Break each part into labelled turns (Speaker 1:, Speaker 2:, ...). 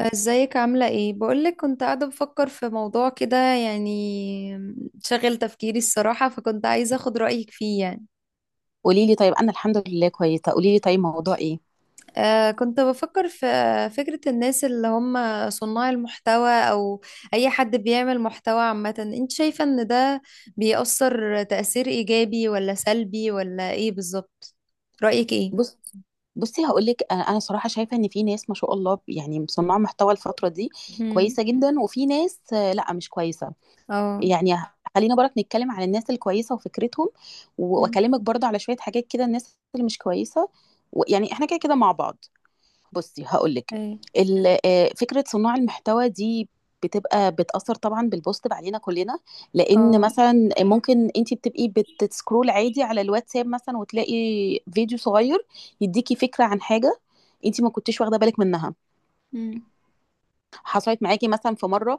Speaker 1: ازيك، عاملة ايه؟ بقولك، كنت قاعدة بفكر في موضوع كده، يعني شغل تفكيري الصراحة، فكنت عايزة اخد رأيك فيه يعني.
Speaker 2: قولي لي طيب، انا الحمد لله كويسه. قولي لي طيب، موضوع ايه؟
Speaker 1: كنت بفكر في فكرة الناس اللي هم صناع المحتوى، او اي حد بيعمل محتوى عامة. انت شايفة ان ده بيأثر تأثير ايجابي ولا سلبي، ولا ايه بالظبط؟ رأيك ايه؟
Speaker 2: بص بصي هقول لك. انا صراحه شايفه ان في ناس ما شاء الله يعني صناع محتوى الفتره دي
Speaker 1: امم.
Speaker 2: كويسه جدا، وفي ناس لا مش كويسه.
Speaker 1: اه.
Speaker 2: يعني خلينا برك نتكلم على الناس الكويسه وفكرتهم،
Speaker 1: امم.
Speaker 2: واكلمك برضه على شويه حاجات كده الناس اللي مش كويسه. ويعني احنا كده كده مع بعض. بصي هقول لك،
Speaker 1: ايه.
Speaker 2: فكره صناع المحتوى دي بتبقى بتأثر طبعا بالبوستيف علينا كلنا، لأن
Speaker 1: اه.
Speaker 2: مثلا ممكن انت بتبقي بتسكرول عادي على الواتساب مثلا وتلاقي فيديو صغير يديكي فكرة عن حاجة انت ما كنتيش واخدة بالك منها.
Speaker 1: امم.
Speaker 2: حصلت معاكي مثلا في مرة،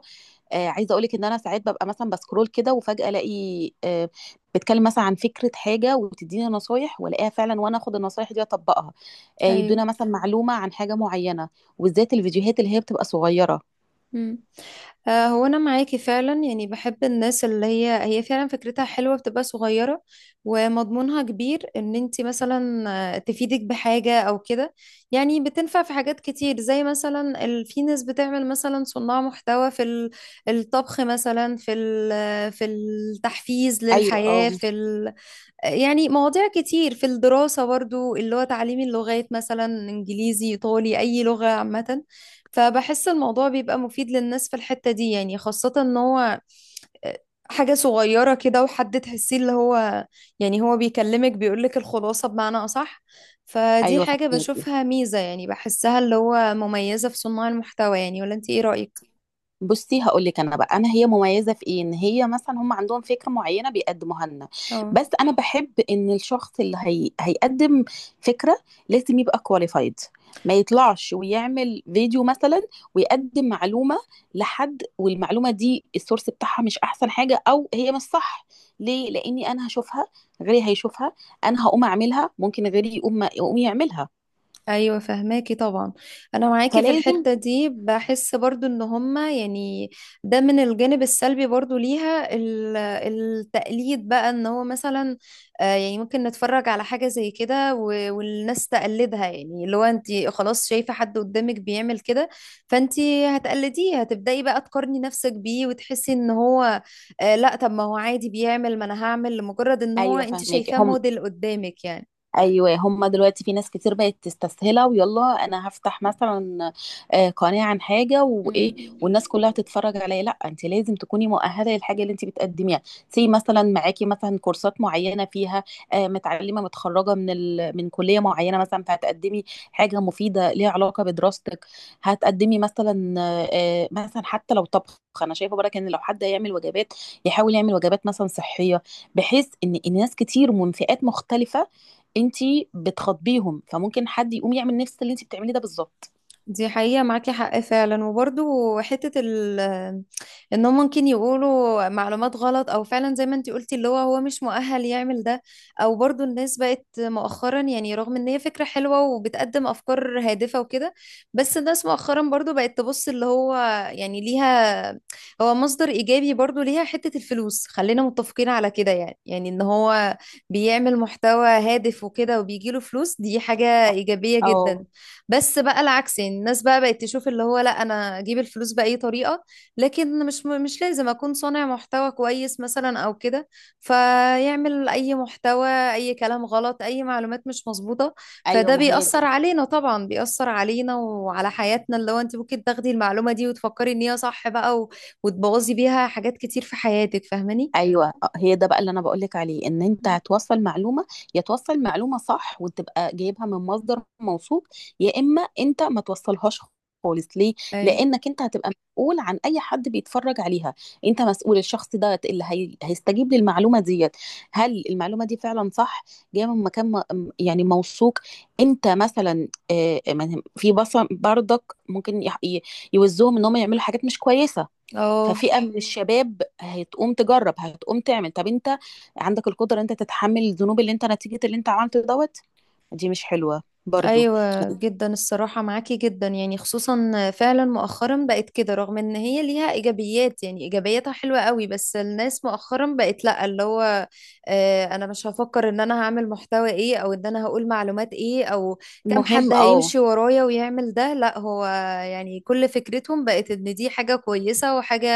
Speaker 2: عايزه اقولك ان انا ساعات ببقى مثلا بسكرول كده وفجاه الاقي، بتكلم مثلا عن فكره حاجه وبتديني نصايح والاقيها فعلا وانا اخد النصايح دي واطبقها. يدونا مثلا معلومه عن حاجه معينه، وبالذات الفيديوهات اللي هي بتبقى صغيره.
Speaker 1: ايوه. هو انا معاكي فعلا، يعني بحب الناس اللي هي هي فعلا فكرتها حلوه، بتبقى صغيره ومضمونها كبير، ان انت مثلا تفيدك بحاجه او كده. يعني بتنفع في حاجات كتير، زي مثلا في ناس بتعمل مثلا صناع محتوى في الطبخ، مثلا في التحفيز
Speaker 2: ايوه، اه.
Speaker 1: للحياه. يعني مواضيع كتير في الدراسة برضو، اللي هو تعليم اللغات، مثلا انجليزي، ايطالي، اي لغة عامة. فبحس الموضوع بيبقى مفيد للناس في الحتة دي يعني، خاصة ان هو آه، حاجة صغيرة كده، وحد تحسيه اللي هو، يعني هو بيكلمك بيقولك الخلاصة بمعنى أصح. فدي
Speaker 2: ايوه
Speaker 1: حاجة
Speaker 2: فهمت.
Speaker 1: بشوفها ميزة، يعني بحسها اللي هو مميزة في صناع المحتوى يعني. ولا انت ايه رأيك؟
Speaker 2: بصي هقول لك انا بقى، انا هي مميزه في ايه؟ ان هي مثلا هم عندهم فكره معينه بيقدموها لنا،
Speaker 1: اه.
Speaker 2: بس انا بحب ان الشخص اللي هيقدم فكره لازم يبقى كواليفايد. ما يطلعش ويعمل فيديو مثلا ويقدم معلومه لحد والمعلومه دي السورس بتاعها مش احسن حاجه او هي مش صح. ليه؟ لاني انا هشوفها، غيري هيشوفها، انا هقوم اعملها، ممكن غيري يقوم يعملها.
Speaker 1: ايوه، فهماكي طبعا. انا معاكي في
Speaker 2: فلازم.
Speaker 1: الحته دي، بحس برضو ان هما يعني ده من الجانب السلبي برضو ليها، التقليد بقى، ان هو مثلا يعني ممكن نتفرج على حاجه زي كده، والناس تقلدها، يعني اللي هو انت خلاص شايفه حد قدامك بيعمل كده. فانت هتقلديه، هتبداي بقى تقارني نفسك بيه، وتحسي ان هو لا، طب ما هو عادي بيعمل، ما انا هعمل، لمجرد ان هو
Speaker 2: ايوه
Speaker 1: انت
Speaker 2: فاهمك،
Speaker 1: شايفاه
Speaker 2: هم.
Speaker 1: موديل قدامك
Speaker 2: ايوه هما دلوقتي في ناس كتير بقت تستسهلها، ويلا انا هفتح مثلا قناه عن حاجه
Speaker 1: يعني.
Speaker 2: وايه، والناس كلها تتفرج عليا. لا، انت لازم تكوني مؤهله للحاجه اللي انت بتقدميها. سي مثلا معاكي مثلا كورسات معينه، فيها متعلمه متخرجه من كليه معينه مثلا، فهتقدمي حاجه مفيده ليها علاقه بدراستك. هتقدمي مثلا مثلا حتى لو طبخ، انا شايفه برك ان لو حد هيعمل وجبات يحاول يعمل وجبات مثلا صحيه، بحيث ان إن ناس كتير ومن فئات مختلفه انتي بتخاطبيهم، فممكن حد يقوم يعمل نفس اللي انتي بتعمليه ده بالظبط.
Speaker 1: دي حقيقة، معاكي حق فعلا. وبرضو حتة انهم ممكن يقولوا معلومات غلط، او فعلا زي ما انتي قلتي، اللي هو هو مش مؤهل يعمل ده. او برضو الناس بقت مؤخرا، يعني رغم ان هي فكرة حلوة وبتقدم افكار هادفة وكده، بس الناس مؤخرا برضو بقت تبص اللي هو، يعني ليها هو مصدر ايجابي برضو، ليها حتة الفلوس، خلينا متفقين على كده يعني. يعني ان هو بيعمل محتوى هادف وكده وبيجيله فلوس، دي حاجة ايجابية جدا.
Speaker 2: اه،
Speaker 1: بس بقى العكس، يعني الناس بقى بقت تشوف اللي هو، لا انا اجيب الفلوس باي طريقه، لكن مش لازم اكون صانع محتوى كويس مثلا او كده، فيعمل اي محتوى، اي كلام غلط، اي معلومات مش مظبوطه.
Speaker 2: ايوه،
Speaker 1: فده
Speaker 2: ما هي.
Speaker 1: بيأثر علينا طبعا، بيأثر علينا وعلى حياتنا، اللي هو انت ممكن تاخدي المعلومه دي وتفكري ان هي صح بقى، و... وتبوظي بيها حاجات كتير في حياتك، فاهماني؟
Speaker 2: ايوه هي ده بقى اللي انا بقول لك عليه، ان انت هتوصل معلومه. يا توصل معلومه صح وتبقى جايبها من مصدر موثوق، يا اما انت ما توصلهاش خالص. ليه؟
Speaker 1: ايوه.
Speaker 2: لانك انت هتبقى مسؤول عن اي حد بيتفرج عليها. انت مسؤول الشخص ده اللي هيستجيب للمعلومه ديت. هل المعلومه دي فعلا صح؟ جايه من مكان يعني موثوق. انت مثلا في بص برضك ممكن يوزوهم ان هم يعملوا حاجات مش كويسه.
Speaker 1: اه.
Speaker 2: ففئة من الشباب هتقوم تجرب، هتقوم تعمل. طب انت عندك القدرة انت تتحمل الذنوب اللي انت نتيجة اللي انت عملته دوت؟ دي مش حلوة برضو.
Speaker 1: ايوه، جدا الصراحه، معاكي جدا يعني. خصوصا فعلا مؤخرا بقت كده، رغم ان هي ليها ايجابيات يعني، ايجابياتها حلوه قوي، بس الناس مؤخرا بقت لا، اللي هو انا مش هفكر ان انا هعمل محتوى ايه، او ان انا هقول معلومات ايه، او كم حد
Speaker 2: المهم، اه.
Speaker 1: هيمشي ورايا ويعمل ده. لا، هو يعني كل فكرتهم بقت ان دي حاجه كويسه، وحاجه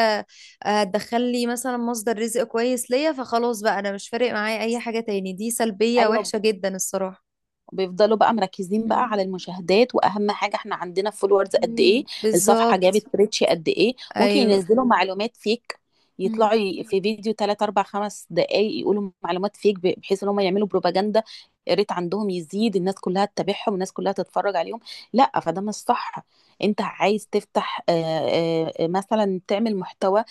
Speaker 1: هتدخل لي مثلا مصدر رزق كويس ليا، فخلاص بقى انا مش فارق معايا اي حاجه تاني. دي سلبيه
Speaker 2: ايوه
Speaker 1: وحشه جدا الصراحه.
Speaker 2: بيفضلوا بقى مركزين بقى على
Speaker 1: مم.
Speaker 2: المشاهدات، واهم حاجه احنا عندنا فولورز قد ايه،
Speaker 1: مم،
Speaker 2: الصفحه
Speaker 1: بالظبط.
Speaker 2: جابت ريتش قد ايه. ممكن
Speaker 1: ايوه.
Speaker 2: ينزلوا معلومات فيك، يطلعوا
Speaker 1: مم.
Speaker 2: في فيديو 3 4 5 دقائق يقولوا معلومات فيك، بحيث ان هم يعملوا بروباجندا. الريت عندهم يزيد، الناس كلها تتابعهم، الناس كلها تتفرج عليهم. لا، فده مش صح. انت عايز تفتح مثلا تعمل محتوى،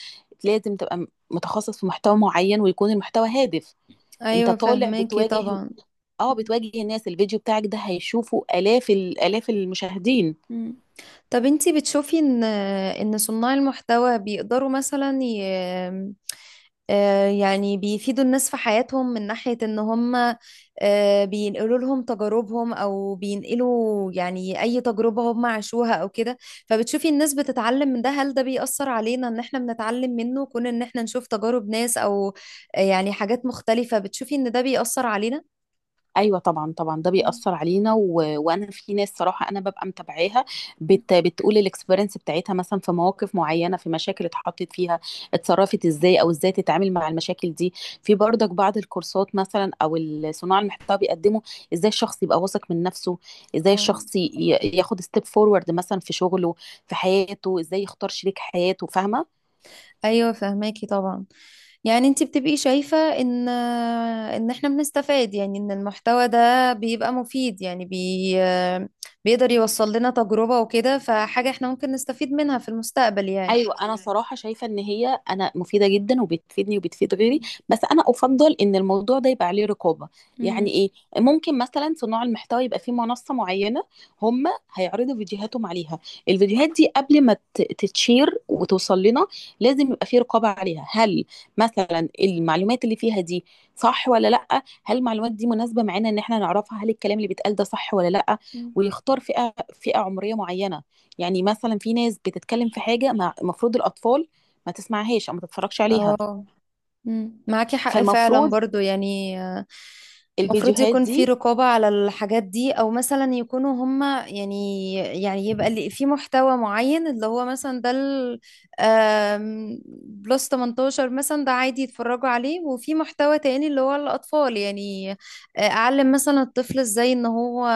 Speaker 2: لازم تبقى متخصص في محتوى معين ويكون المحتوى هادف. انت
Speaker 1: ايوه،
Speaker 2: طالع
Speaker 1: فهماكي
Speaker 2: بتواجه،
Speaker 1: طبعا.
Speaker 2: اه
Speaker 1: مم.
Speaker 2: بتواجهي الناس. الفيديو بتاعك ده هيشوفه آلاف الآلاف المشاهدين.
Speaker 1: مم. طب انتي بتشوفي ان صناع المحتوى بيقدروا مثلا ي... آه، يعني بيفيدوا الناس في حياتهم، من ناحية ان هم بينقلوا لهم تجاربهم، او بينقلوا يعني اي تجربة هم عاشوها او كده. فبتشوفي الناس بتتعلم من ده؟ هل ده بيأثر علينا ان احنا بنتعلم منه، كون ان احنا نشوف تجارب ناس، او يعني حاجات مختلفة، بتشوفي ان ده بيأثر علينا؟
Speaker 2: ايوه طبعا طبعا ده
Speaker 1: مم.
Speaker 2: بيأثر علينا. وانا في ناس صراحه انا ببقى متابعاها.
Speaker 1: مم.
Speaker 2: بتقول الاكسبيرينس بتاعتها مثلا في مواقف معينه، في مشاكل اتحطت فيها، اتصرفت ازاي، او ازاي تتعامل مع المشاكل دي. في برضك بعض الكورسات مثلا او الصناع المحتوى بيقدموا ازاي الشخص يبقى واثق من نفسه، ازاي
Speaker 1: اه.
Speaker 2: الشخص ياخد ستيب فورورد مثلا في شغله، في حياته، ازاي يختار شريك حياته. فاهمه؟
Speaker 1: ايوه، فهماكي طبعا. يعني انت بتبقي شايفة ان احنا بنستفاد يعني، ان المحتوى ده بيبقى مفيد يعني، بيقدر يوصل لنا تجربة وكده، فحاجة احنا ممكن نستفيد منها في المستقبل يعني.
Speaker 2: ايوه انا صراحه شايفه ان هي انا مفيده جدا وبتفيدني وبتفيد غيري،
Speaker 1: مم.
Speaker 2: بس انا افضل ان الموضوع ده يبقى عليه رقابه.
Speaker 1: مم.
Speaker 2: يعني ايه؟ ممكن مثلا صناع المحتوى يبقى في منصه معينه هم هيعرضوا فيديوهاتهم عليها. الفيديوهات دي قبل ما تتشير وتوصل لنا لازم يبقى في رقابه عليها. هل مثلا المعلومات اللي فيها دي صح ولا لا؟ هل المعلومات دي مناسبه معانا ان احنا نعرفها؟ هل الكلام اللي بيتقال ده صح ولا لا؟
Speaker 1: مم.
Speaker 2: ويختار فئه عمريه معينه. يعني مثلا في ناس بتتكلم في حاجة المفروض الأطفال ما تسمعهاش أو ما تتفرجش عليها.
Speaker 1: اه. مم، معاكي حق فعلا
Speaker 2: فالمفروض
Speaker 1: برضو، يعني المفروض
Speaker 2: الفيديوهات
Speaker 1: يكون في
Speaker 2: دي.
Speaker 1: رقابة على الحاجات دي، أو مثلا يكونوا هما يعني، يعني يبقى اللي في محتوى معين اللي هو مثلا ده ال- آم، بلس 18 مثلا، ده عادي يتفرجوا عليه، وفي محتوى تاني اللي هو الأطفال يعني، أعلم مثلا الطفل إزاي إن هو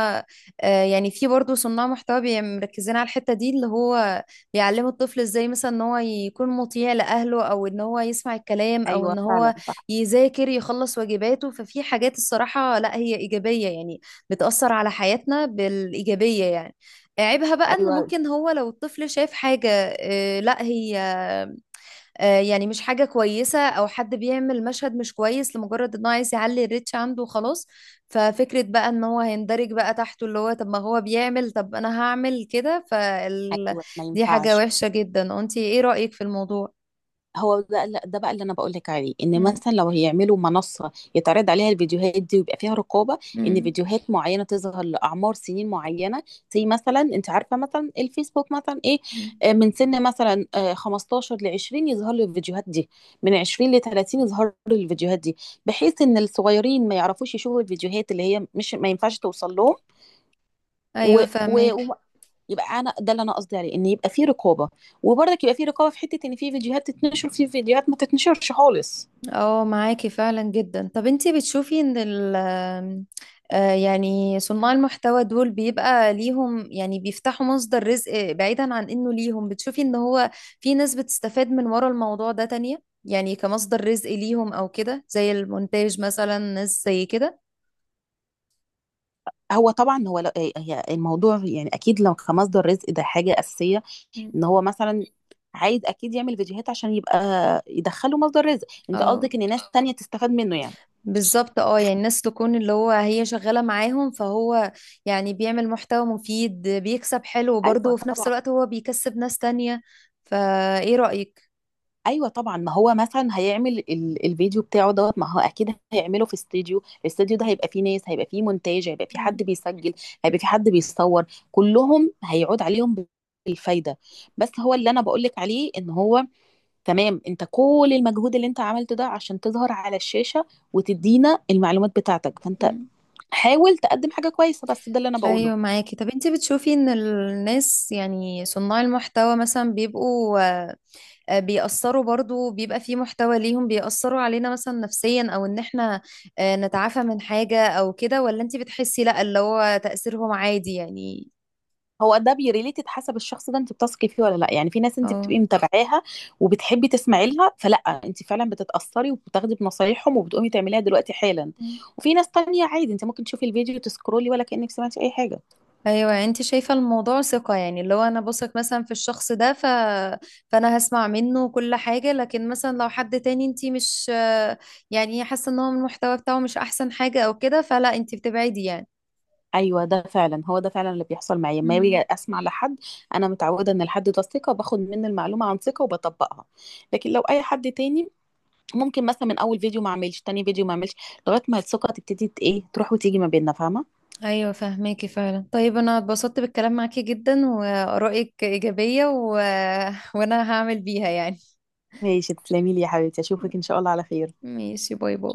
Speaker 1: يعني في برضو صناع محتوى مركزين على الحتة دي، اللي هو يعلموا الطفل ازاي مثلا ان هو يكون مطيع لاهله، او ان هو يسمع الكلام، او
Speaker 2: أيوه
Speaker 1: ان
Speaker 2: فعلا
Speaker 1: هو
Speaker 2: صح.
Speaker 1: يذاكر يخلص واجباته. ففي حاجات الصراحة لا، هي ايجابية يعني، بتأثر على حياتنا بالايجابية يعني. عيبها بقى ان
Speaker 2: أيوه.
Speaker 1: ممكن هو لو الطفل شاف حاجة لا هي، يعني مش حاجة كويسة، أو حد بيعمل مشهد مش كويس لمجرد إن هو عايز يعلي الريتش عنده وخلاص. ففكرة بقى إن هو هيندرج بقى تحته، اللي هو طب ما هو بيعمل، طب أنا هعمل كده
Speaker 2: أيوه ما
Speaker 1: دي حاجة
Speaker 2: ينفعش.
Speaker 1: وحشة جدا. أنتي إيه رأيك في الموضوع؟
Speaker 2: هو ده، لا، ده بقى اللي انا بقول لك عليه ان
Speaker 1: مم.
Speaker 2: مثلا لو هيعملوا منصه يتعرض عليها الفيديوهات دي ويبقى فيها رقابه، ان
Speaker 1: مم.
Speaker 2: فيديوهات معينه تظهر لاعمار سنين معينه. زي مثلا انت عارفه مثلا الفيسبوك مثلا ايه،
Speaker 1: مم.
Speaker 2: من سن مثلا 15 ل 20 يظهر له الفيديوهات دي، من 20 ل 30 يظهر له الفيديوهات دي، بحيث ان الصغيرين ما يعرفوش يشوفوا الفيديوهات اللي هي مش ما ينفعش توصل لهم. و...
Speaker 1: أيوة،
Speaker 2: و...
Speaker 1: فاهمك.
Speaker 2: يبقى انا ده اللي انا قصدي عليه، ان يبقى في رقابه، وبرضك يبقى في رقابه في حته ان في فيديوهات تتنشر في فيديوهات ما تتنشرش خالص.
Speaker 1: اه، معاكي فعلا جدا. طب انتي بتشوفي ان ال آم، آه، يعني صناع المحتوى دول بيبقى ليهم، يعني بيفتحوا مصدر رزق، بعيدا عن انه ليهم، بتشوفي ان هو في ناس بتستفاد من ورا الموضوع ده تانية، يعني كمصدر رزق ليهم او كده، زي المونتاج مثلا، ناس زي كده.
Speaker 2: هو طبعا، هو لو هي الموضوع يعني اكيد لو كمصدر رزق ده حاجه اساسيه.
Speaker 1: مم.
Speaker 2: ان هو مثلا عايز اكيد يعمل فيديوهات عشان يبقى يدخله مصدر رزق. انت
Speaker 1: اه،
Speaker 2: قصدك ان ناس تانية تستفاد منه يعني؟
Speaker 1: بالظبط. اه، يعني ناس تكون اللي هو هي شغالة معاهم، فهو يعني بيعمل محتوى مفيد، بيكسب حلو برضه،
Speaker 2: ايوه
Speaker 1: وفي نفس
Speaker 2: طبعا.
Speaker 1: الوقت هو بيكسب ناس تانية. فايه رأيك؟
Speaker 2: ايوه طبعا، ما هو مثلا هيعمل الفيديو بتاعه دوت. ما هو اكيد هيعمله في استوديو، الاستوديو ده
Speaker 1: مم.
Speaker 2: هيبقى فيه ناس، هيبقى فيه مونتاج، هيبقى فيه
Speaker 1: مم.
Speaker 2: حد بيسجل، هيبقى فيه حد بيصور. كلهم هيعود عليهم بالفايده. بس هو اللي انا بقول لك عليه ان هو تمام، انت كل المجهود اللي انت عملته ده عشان تظهر على الشاشه وتدينا المعلومات بتاعتك، فانت
Speaker 1: مم.
Speaker 2: حاول تقدم حاجه كويسه. بس ده اللي انا بقوله.
Speaker 1: ايوه، معاكي. طب انتي بتشوفي ان الناس يعني صناع المحتوى مثلا بيبقوا بيأثروا برضو، بيبقى في محتوى ليهم بيأثروا علينا مثلا نفسيا، او ان احنا نتعافى من حاجة او كده، ولا انتي بتحسي لا اللي هو تأثيرهم عادي يعني؟
Speaker 2: هو ده بيريليتد حسب الشخص ده انت بتثقي فيه ولا لا. يعني في ناس انت
Speaker 1: اه.
Speaker 2: بتبقي متابعاها وبتحبي تسمعي لها، فلا انت فعلا بتتأثري وبتاخدي بنصايحهم وبتقومي تعمليها دلوقتي حالا. وفي ناس تانية عادي، انت ممكن تشوفي الفيديو تسكرولي ولا كأنك سمعتي اي حاجة.
Speaker 1: ايوه، يعني انت شايفه الموضوع ثقه يعني، اللي هو انا بثق مثلا في الشخص ده فانا هسمع منه كل حاجه، لكن مثلا لو حد تاني انت مش يعني حاسه ان هو المحتوى بتاعه مش احسن حاجه او كده، فلا انت بتبعدي يعني.
Speaker 2: ايوه ده فعلا، هو ده فعلا اللي بيحصل معايا لما باجي
Speaker 1: مم.
Speaker 2: اسمع لحد. انا متعودة ان الحد ده ثقة، باخد منه المعلومة عن ثقة وبطبقها. لكن لو اي حد تاني ممكن مثلا من اول فيديو ما اعملش، تاني فيديو ما اعملش، لغاية ما الثقة تبتدي ايه تروح وتيجي ما بيننا. فاهمة؟
Speaker 1: ايوه، فهماكي فعلا. طيب انا اتبسطت بالكلام معاكي جدا، وارائك ايجابيه، و... وانا هعمل بيها يعني.
Speaker 2: ماشي تسلمي لي يا حبيبتي، اشوفك ان شاء الله على خير.
Speaker 1: ماشي، باي باي.